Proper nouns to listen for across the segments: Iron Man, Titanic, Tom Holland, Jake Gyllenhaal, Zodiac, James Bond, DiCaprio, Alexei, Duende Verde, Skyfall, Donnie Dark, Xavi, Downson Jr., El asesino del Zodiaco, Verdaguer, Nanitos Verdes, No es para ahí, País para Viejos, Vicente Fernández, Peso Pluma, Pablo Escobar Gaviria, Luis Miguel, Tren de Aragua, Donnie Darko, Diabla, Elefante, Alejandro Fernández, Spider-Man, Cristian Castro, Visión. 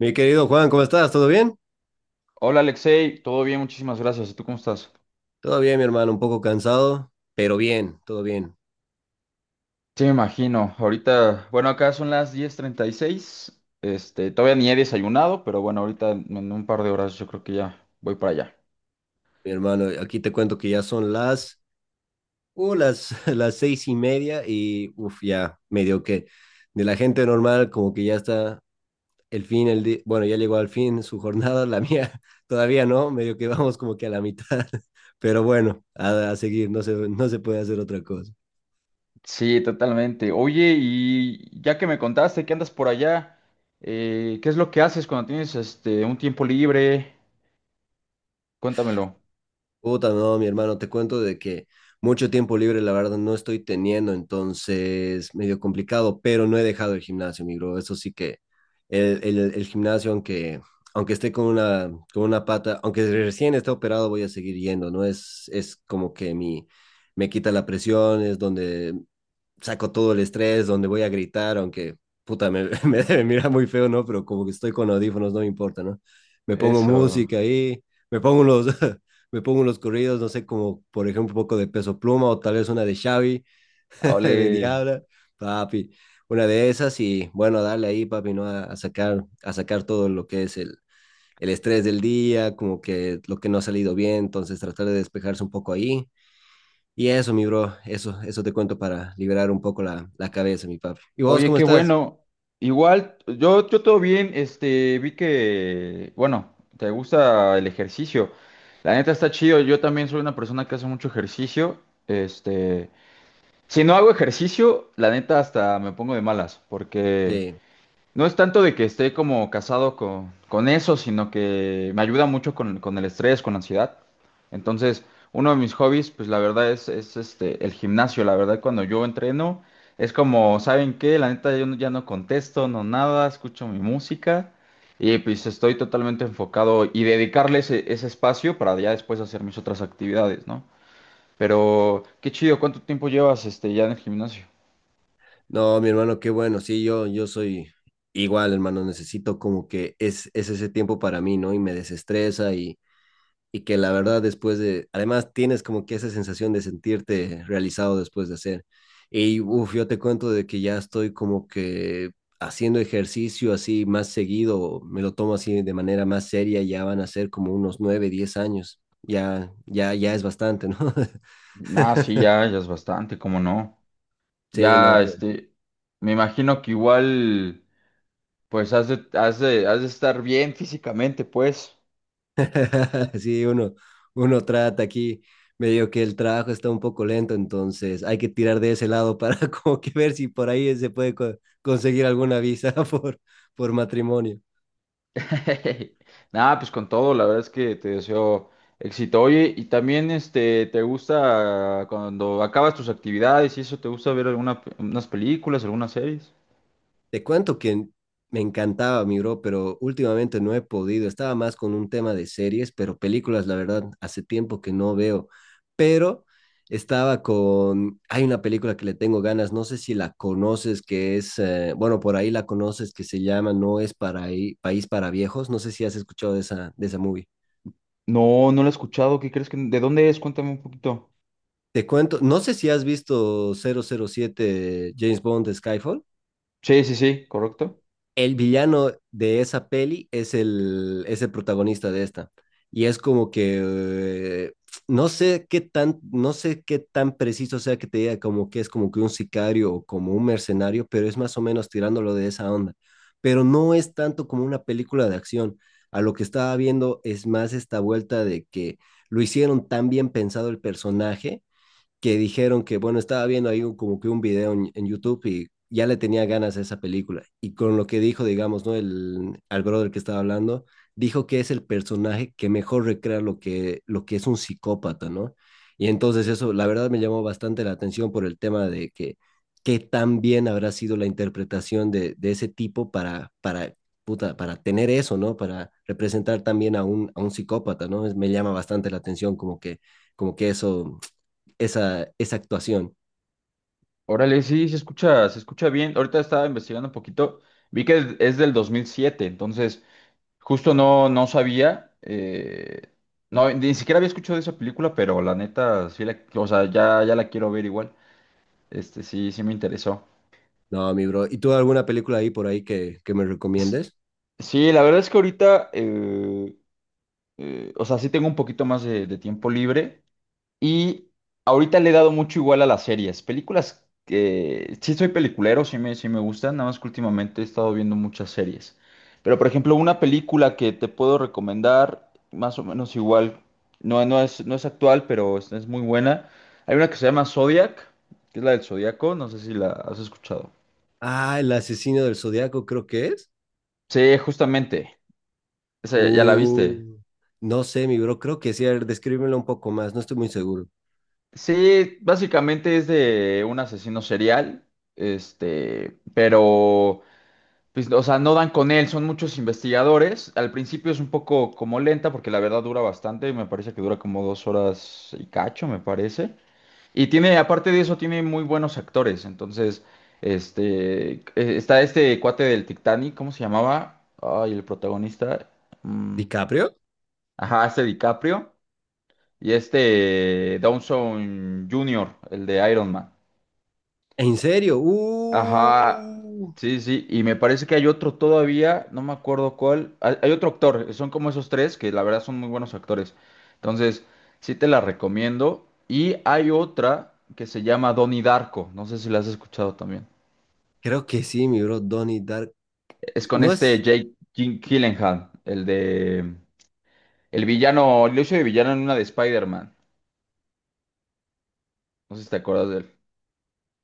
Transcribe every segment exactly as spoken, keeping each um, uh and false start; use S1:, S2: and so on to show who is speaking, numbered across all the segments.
S1: Mi querido Juan, ¿cómo estás? ¿Todo bien?
S2: Hola Alexei, todo bien, muchísimas gracias. ¿Y tú cómo estás?
S1: Todo bien, mi hermano, un poco cansado, pero bien, todo bien,
S2: Sí, me imagino. Ahorita, bueno, acá son las diez treinta y seis. Este, todavía ni he desayunado, pero bueno, ahorita en en un par de horas yo creo que ya voy para allá.
S1: mi hermano. Aquí te cuento que ya son las, uh, las, las seis y media y uff, ya medio que de la gente normal como que ya está el fin, el di- bueno, ya llegó al fin su jornada, la mía todavía no, medio que vamos como que a la mitad, pero bueno, a, a seguir, no se, no se puede hacer otra cosa.
S2: Sí, totalmente. Oye, y ya que me contaste que andas por allá, eh, ¿qué es lo que haces cuando tienes este un tiempo libre? Cuéntamelo.
S1: Puta, no, mi hermano, te cuento de que mucho tiempo libre, la verdad, no estoy teniendo, entonces medio complicado, pero no he dejado el gimnasio, mi bro. Eso sí que el, el, el gimnasio, aunque, aunque esté con una, con una pata, aunque recién esté operado, voy a seguir yendo, ¿no? Es, es como que mi, me quita la presión, es donde saco todo el estrés, donde voy a gritar, aunque puta, me, me debe mirar muy feo, ¿no? Pero como que estoy con audífonos, no me importa, ¿no? Me pongo
S2: Eso.
S1: música ahí, me pongo los, me pongo los corridos, no sé, como por ejemplo un poco de Peso Pluma o tal vez una de Xavi, de
S2: Ole.
S1: Diabla, papi, una de esas y bueno, darle ahí, papi, ¿no? A, a sacar, a sacar todo lo que es el, el estrés del día, como que lo que no ha salido bien, entonces tratar de despejarse un poco ahí y eso, mi bro, eso, eso te cuento para liberar un poco la, la cabeza, mi papi. ¿Y vos
S2: Oye,
S1: cómo
S2: qué
S1: estás?
S2: bueno. Igual, yo, yo todo bien, este, vi que, bueno, te gusta el ejercicio. La neta está chido, yo también soy una persona que hace mucho ejercicio. Este, si no hago ejercicio, la neta hasta me pongo de malas, porque
S1: Sí.
S2: no es tanto de que esté como casado con, con eso, sino que me ayuda mucho con, con el estrés, con la ansiedad. Entonces, uno de mis hobbies, pues la verdad es, es este, el gimnasio. La verdad, cuando yo entreno, es como, ¿saben qué? La neta, yo no- ya no contesto, no nada, escucho mi música y pues estoy totalmente enfocado y dedicarle ese, ese espacio para ya después hacer mis otras actividades, ¿no? Pero, qué chido, ¿cuánto tiempo llevas este, ya en el gimnasio?
S1: No, mi hermano, qué bueno. Sí, yo, yo soy igual, hermano. Necesito como que es, es ese tiempo para mí, ¿no? Y me desestresa y, y que la verdad después de, además tienes como que esa sensación de sentirte realizado después de hacer. Y uff, yo te cuento de que ya estoy como que haciendo ejercicio así más seguido, me lo tomo así de manera más seria, ya van a ser como unos nueve, diez años. Ya, ya, ya es bastante, ¿no?
S2: Ah, sí, ya, ya es bastante, ¿cómo no?
S1: Sí, no,
S2: Ya, este, me imagino que igual, pues has de, has de, has de estar bien físicamente, pues.
S1: Sí, uno, uno trata aquí, medio que el trabajo está un poco lento, entonces hay que tirar de ese lado para como que ver si por ahí se puede co- conseguir alguna visa por, por matrimonio.
S2: Nada, pues con todo, la verdad es que te deseo éxito. Oye, y también, este, ¿te gusta cuando acabas tus actividades y eso, te gusta ver alguna, pe- unas películas, algunas series?
S1: Te cuento que me encantaba, mi bro, pero últimamente no he podido. Estaba más con un tema de series, pero películas, la verdad, hace tiempo que no veo. Pero estaba con... Hay una película que le tengo ganas, no sé si la conoces, que es... eh, bueno, por ahí la conoces, que se llama No es para ahí, País para Viejos. No sé si has escuchado de esa, de esa, movie.
S2: No, no lo he escuchado, ¿qué crees que, de dónde es? Cuéntame un poquito.
S1: Te cuento, no sé si has visto cero cero siete James Bond de Skyfall.
S2: Sí, sí, sí, correcto.
S1: El villano de esa peli es el, es el, protagonista de esta. Y es como que eh, no sé qué tan, no sé qué tan preciso sea que te diga como que es como que un sicario o como un mercenario, pero es más o menos tirándolo de esa onda. Pero no es tanto como una película de acción. A lo que estaba viendo es más esta vuelta de que lo hicieron tan bien pensado el personaje que dijeron que, bueno, estaba viendo ahí un- como que un video en, en, YouTube y ya le tenía ganas a esa película. Y con lo que dijo, digamos, ¿no? El, al brother que estaba hablando, dijo que es el personaje que mejor recrea lo que, lo que es un psicópata, ¿no? Y entonces eso, la verdad, me llamó bastante la atención por el tema de que qué tan bien habrá sido la interpretación de, de ese tipo para, para, puta, para tener eso, ¿no? Para representar también a un, a un, psicópata, ¿no? Es- me llama bastante la atención como que, como que eso esa, esa actuación.
S2: Órale, sí, se escucha, se escucha bien. Ahorita estaba investigando un poquito, vi que es del dos mil siete entonces... Justo no, no sabía, eh, no, ni siquiera había escuchado de esa película, pero la neta, sí la, o sea, ya, ya la quiero ver igual. Este, sí, sí me interesó.
S1: No, mi bro. ¿Y tú alguna película ahí por ahí que, que me
S2: S-
S1: recomiendes?
S2: Sí, la verdad es que ahorita, eh, eh, o sea, sí tengo un poquito más de, de tiempo libre. Y ahorita le he dado mucho igual a las series. Películas que sí soy peliculero, sí me, sí me gustan, nada más que últimamente he estado viendo muchas series. Pero por ejemplo, una película que te puedo recomendar, más o menos igual, no, no es, no es actual, pero es, es muy buena. Hay una que se llama Zodiac, que es la del Zodiaco, no sé si la has escuchado.
S1: Ah, El asesino del Zodiaco creo que es.
S2: Sí, justamente, esa ya la viste.
S1: Uh, no sé, mi bro, creo que sí. A ver, descríbemelo un poco más, no estoy muy seguro.
S2: Sí, básicamente es de un asesino serial, este, pero... Pues, o sea, no dan con él, son muchos investigadores. Al principio es un poco como lenta porque la verdad dura bastante, me parece que dura como dos horas y cacho, me parece. Y tiene, aparte de eso, tiene muy buenos actores. Entonces, este, eh, está este cuate del Titanic, ¿cómo se llamaba? Ay, el protagonista. mm,
S1: ¿DiCaprio?
S2: ajá, este DiCaprio y este Downson junior, el de Iron Man.
S1: ¿En serio?
S2: Ajá,
S1: Uh,
S2: sí, sí, y me parece que hay otro todavía, no me acuerdo cuál, hay, hay otro actor, son como esos tres que la verdad son muy buenos actores, entonces sí te la recomiendo, y hay otra que se llama Donnie Darko, no sé si la has escuchado también,
S1: creo que sí, mi bro, Donnie Dark.
S2: es con
S1: No
S2: este
S1: es,
S2: Jake Gyllenhaal, Gyllenhaal, el de, el villano, lo hizo de villano en una de Spider-Man, no sé si te acuerdas de él,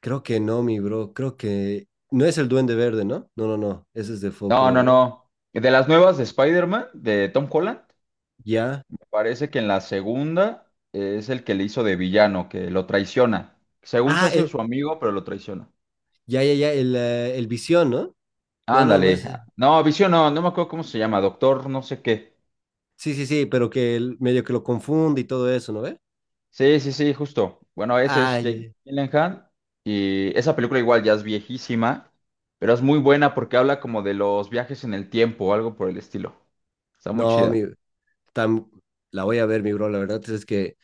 S1: creo que no, mi bro, creo que no es el Duende Verde, ¿no? No, no, no, ese es de Fo,
S2: no,
S1: creo,
S2: no,
S1: ¿no?
S2: no, de las nuevas de Spider-Man, de Tom Holland.
S1: Ya.
S2: Parece que en la segunda eh, es el que le hizo de villano, que lo traiciona. Según se
S1: Ah,
S2: hace
S1: eh,
S2: su amigo, pero lo traiciona.
S1: ya, ya, ya, el, eh, el Visión, ¿no? No, no, no
S2: Ándale.
S1: es.
S2: No, Visión no, no me acuerdo cómo se llama, doctor no sé qué.
S1: Sí, sí, sí, pero que el medio que lo confunde y todo eso, ¿no ve?
S2: Sí, sí, sí, justo. Bueno, ese es
S1: Ay, ay,
S2: Jake
S1: ay.
S2: Gyllenhaal y esa película igual ya es viejísima, pero es muy buena porque habla como de los viajes en el tiempo o algo por el estilo. Está muy
S1: No, mi,
S2: chida.
S1: tam- la voy a ver, mi bro, la verdad es que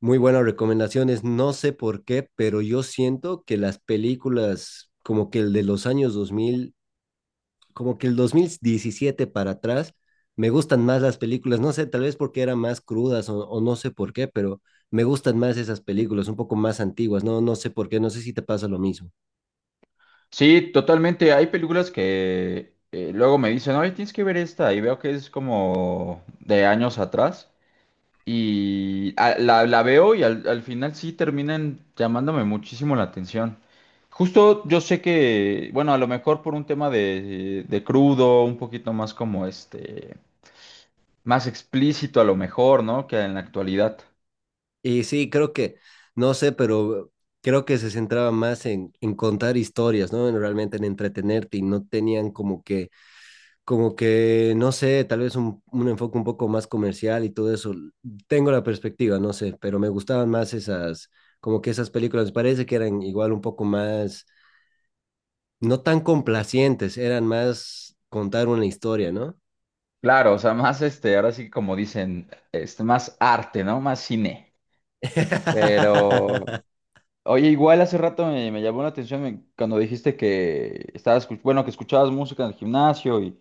S1: muy buenas recomendaciones, no sé por qué, pero yo siento que las películas como que el de los años dos mil, como que el dos mil diecisiete para atrás, me gustan más las películas, no sé, tal vez porque eran más crudas o, o no sé por qué, pero me gustan más esas películas, un poco más antiguas, no, no sé por qué, no sé si te pasa lo mismo.
S2: Sí, totalmente. Hay películas que eh, luego me dicen, oye, tienes que ver esta y veo que es como de años atrás. Y a- la, la veo y al, al final sí terminan llamándome muchísimo la atención. Justo yo sé que, bueno, a lo mejor por un tema de, de crudo, un poquito más como este, más explícito a lo mejor, ¿no? Que en la actualidad.
S1: Y sí, creo que, no sé, pero creo que se centraba más en, en, contar historias, ¿no? En realmente en entretenerte y no tenían como que, como que, no sé, tal vez un, un enfoque un poco más comercial y todo eso. Tengo la perspectiva, no sé, pero me gustaban más esas, como que esas películas, me parece que eran igual un poco más, no tan complacientes, eran más contar una historia, ¿no?
S2: Claro, o sea, más este, ahora sí como dicen, este, más arte, ¿no? Más cine. Pero oye, igual hace rato me, me llamó la atención me- cuando dijiste que estabas, escu- bueno, que escuchabas música en el gimnasio y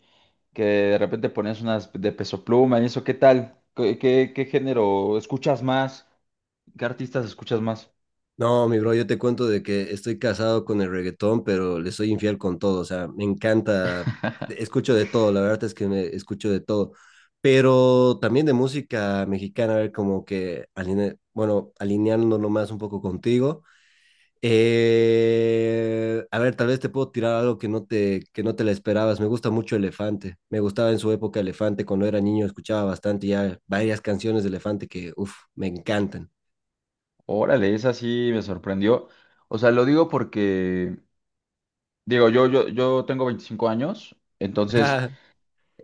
S2: que de repente ponías unas de Peso Pluma y eso, ¿qué tal? ¿Qué, qué, qué género escuchas más? ¿Qué artistas escuchas más?
S1: No, mi bro, yo te cuento de que estoy casado con el reggaetón, pero le soy infiel con todo. O sea, me encanta, escucho de todo, la verdad es que me escucho de todo. Pero también de música mexicana, a ver, como que, aline- bueno, alineándolo más un poco contigo. Eh, a ver, tal vez te puedo tirar algo que no te, que no te la esperabas. Me gusta mucho Elefante. Me gustaba en su época Elefante. Cuando era niño escuchaba bastante ya varias canciones de Elefante que, uff, me encantan.
S2: Órale, esa sí me sorprendió. O sea, lo digo porque, digo, yo, yo, yo tengo veinticinco años, entonces
S1: Ah,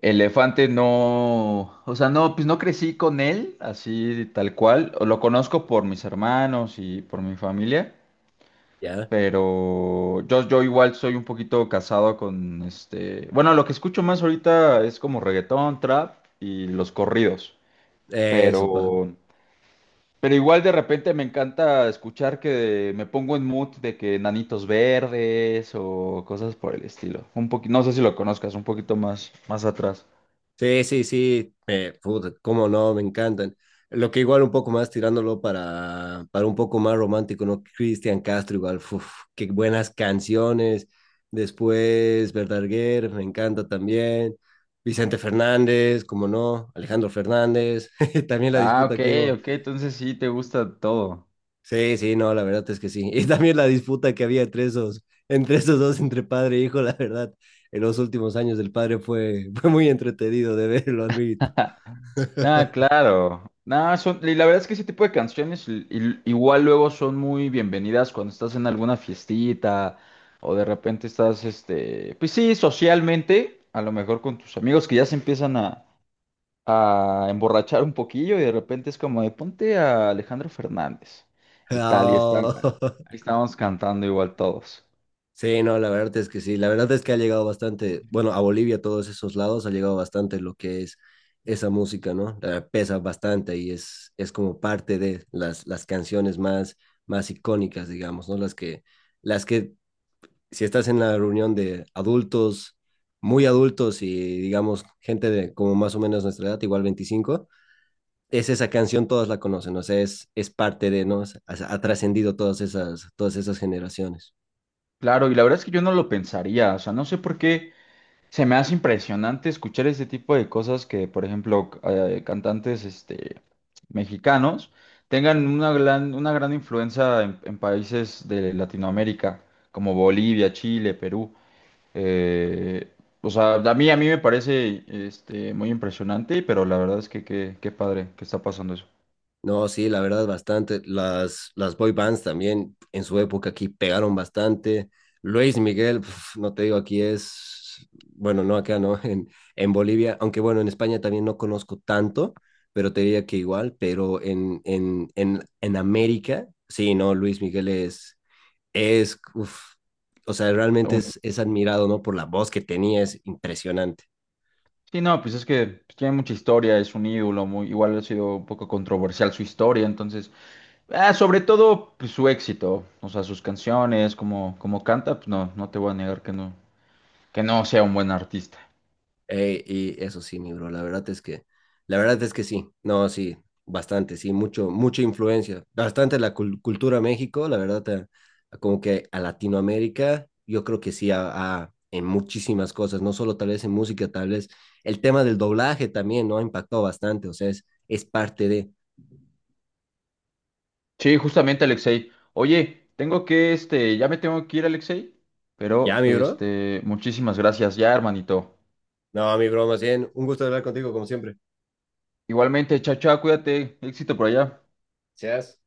S2: Elefante no, o sea, no, pues no crecí con él así tal cual, lo conozco por mis hermanos y por mi familia.
S1: Ya,
S2: Pero yo, yo igual soy un poquito casado con este. Bueno, lo que escucho más ahorita es como reggaetón, trap y los corridos.
S1: eso, pa.
S2: Pero, pero igual de repente me encanta escuchar que me pongo en mood de que Nanitos Verdes o cosas por el estilo. Un poquito, no sé si lo conozcas, un poquito más, más atrás.
S1: Sí, sí, sí, eh, puta, cómo no, me encantan. Lo que igual un poco más tirándolo para, para, un poco más romántico, ¿no? Cristian Castro igual, uf, qué buenas canciones. Después Verdaguer, me encanta también. Vicente Fernández, como no, Alejandro Fernández, también la
S2: Ah,
S1: disputa
S2: ok,
S1: que hubo.
S2: ok, entonces sí te gusta todo.
S1: Sí, sí, no, la verdad es que sí. Y también la disputa que había entre esos, entre esos dos, entre padre e hijo, la verdad, en los últimos años del padre fue, fue muy entretenido de verlo al mí
S2: Ah, claro. Nah, son, y la verdad es que ese tipo de canciones i- i- igual luego son muy bienvenidas cuando estás en alguna fiestita o de repente estás, este, pues sí, socialmente, a lo mejor con tus amigos que ya se empiezan a, a emborrachar un poquillo y de repente es como de ponte a Alejandro Fernández y tal, y están,
S1: No.
S2: ahí estábamos cantando igual todos.
S1: Sí, no, la verdad es que sí. La verdad es que ha llegado bastante, bueno, a Bolivia, a todos esos lados, ha llegado bastante lo que es esa música, ¿no? Eh, pesa bastante y es, es como parte de las, las canciones más, más icónicas, digamos, ¿no? Las que, las que, si estás en la reunión de adultos, muy adultos y, digamos, gente de como más o menos nuestra edad, igual veinticinco, es esa canción, todos la conocen, o sea, es, es parte de, ¿no? O sea, ha ha trascendido todas esas, todas esas, generaciones.
S2: Claro, y la verdad es que yo no lo pensaría, o sea, no sé por qué. Se me hace impresionante escuchar ese tipo de cosas que, por ejemplo, c- eh, cantantes este, mexicanos tengan una gran, una gran influencia en, en países de Latinoamérica, como Bolivia, Chile, Perú. Eh, o sea, a mí, a mí me parece este, muy impresionante, pero la verdad es que qué, qué padre que está pasando eso.
S1: No, sí, la verdad, bastante. Las, las boy bands también en su época aquí pegaron bastante. Luis Miguel, pf, no te digo, aquí es, bueno, no acá, ¿no? En, en Bolivia, aunque bueno, en España también no conozco tanto, pero te diría que igual, pero en, en, en, en, América, sí, no, Luis Miguel es, es, uf, o sea, realmente es, es admirado, ¿no? Por la voz que tenía, es impresionante.
S2: Sí, no, pues es que pues, tiene mucha historia, es un ídolo, muy, igual ha sido un poco controversial su historia, entonces, ah, sobre todo pues, su éxito, o sea, sus canciones, como, como canta, pues no, no te voy a negar que no, que no sea un buen artista.
S1: Eh, y eso sí, mi bro, la verdad es que, la verdad es que sí, no, sí, bastante, sí, mucho, mucha influencia, bastante la cul- cultura México, la verdad, eh, como que a Latinoamérica, yo creo que sí, a, a- en muchísimas cosas, no solo tal vez en música, tal vez el tema del doblaje también, ¿no? Impactó bastante, o sea, es, es parte de...
S2: Sí, justamente Alexei. Oye, tengo que, este, ya me tengo que ir, Alexei,
S1: ¿Ya,
S2: pero,
S1: mi bro?
S2: este, muchísimas gracias ya, hermanito.
S1: No, mi bro, más bien, un gusto hablar contigo como siempre.
S2: Igualmente, chao, chao, cuídate, éxito por allá.
S1: Gracias.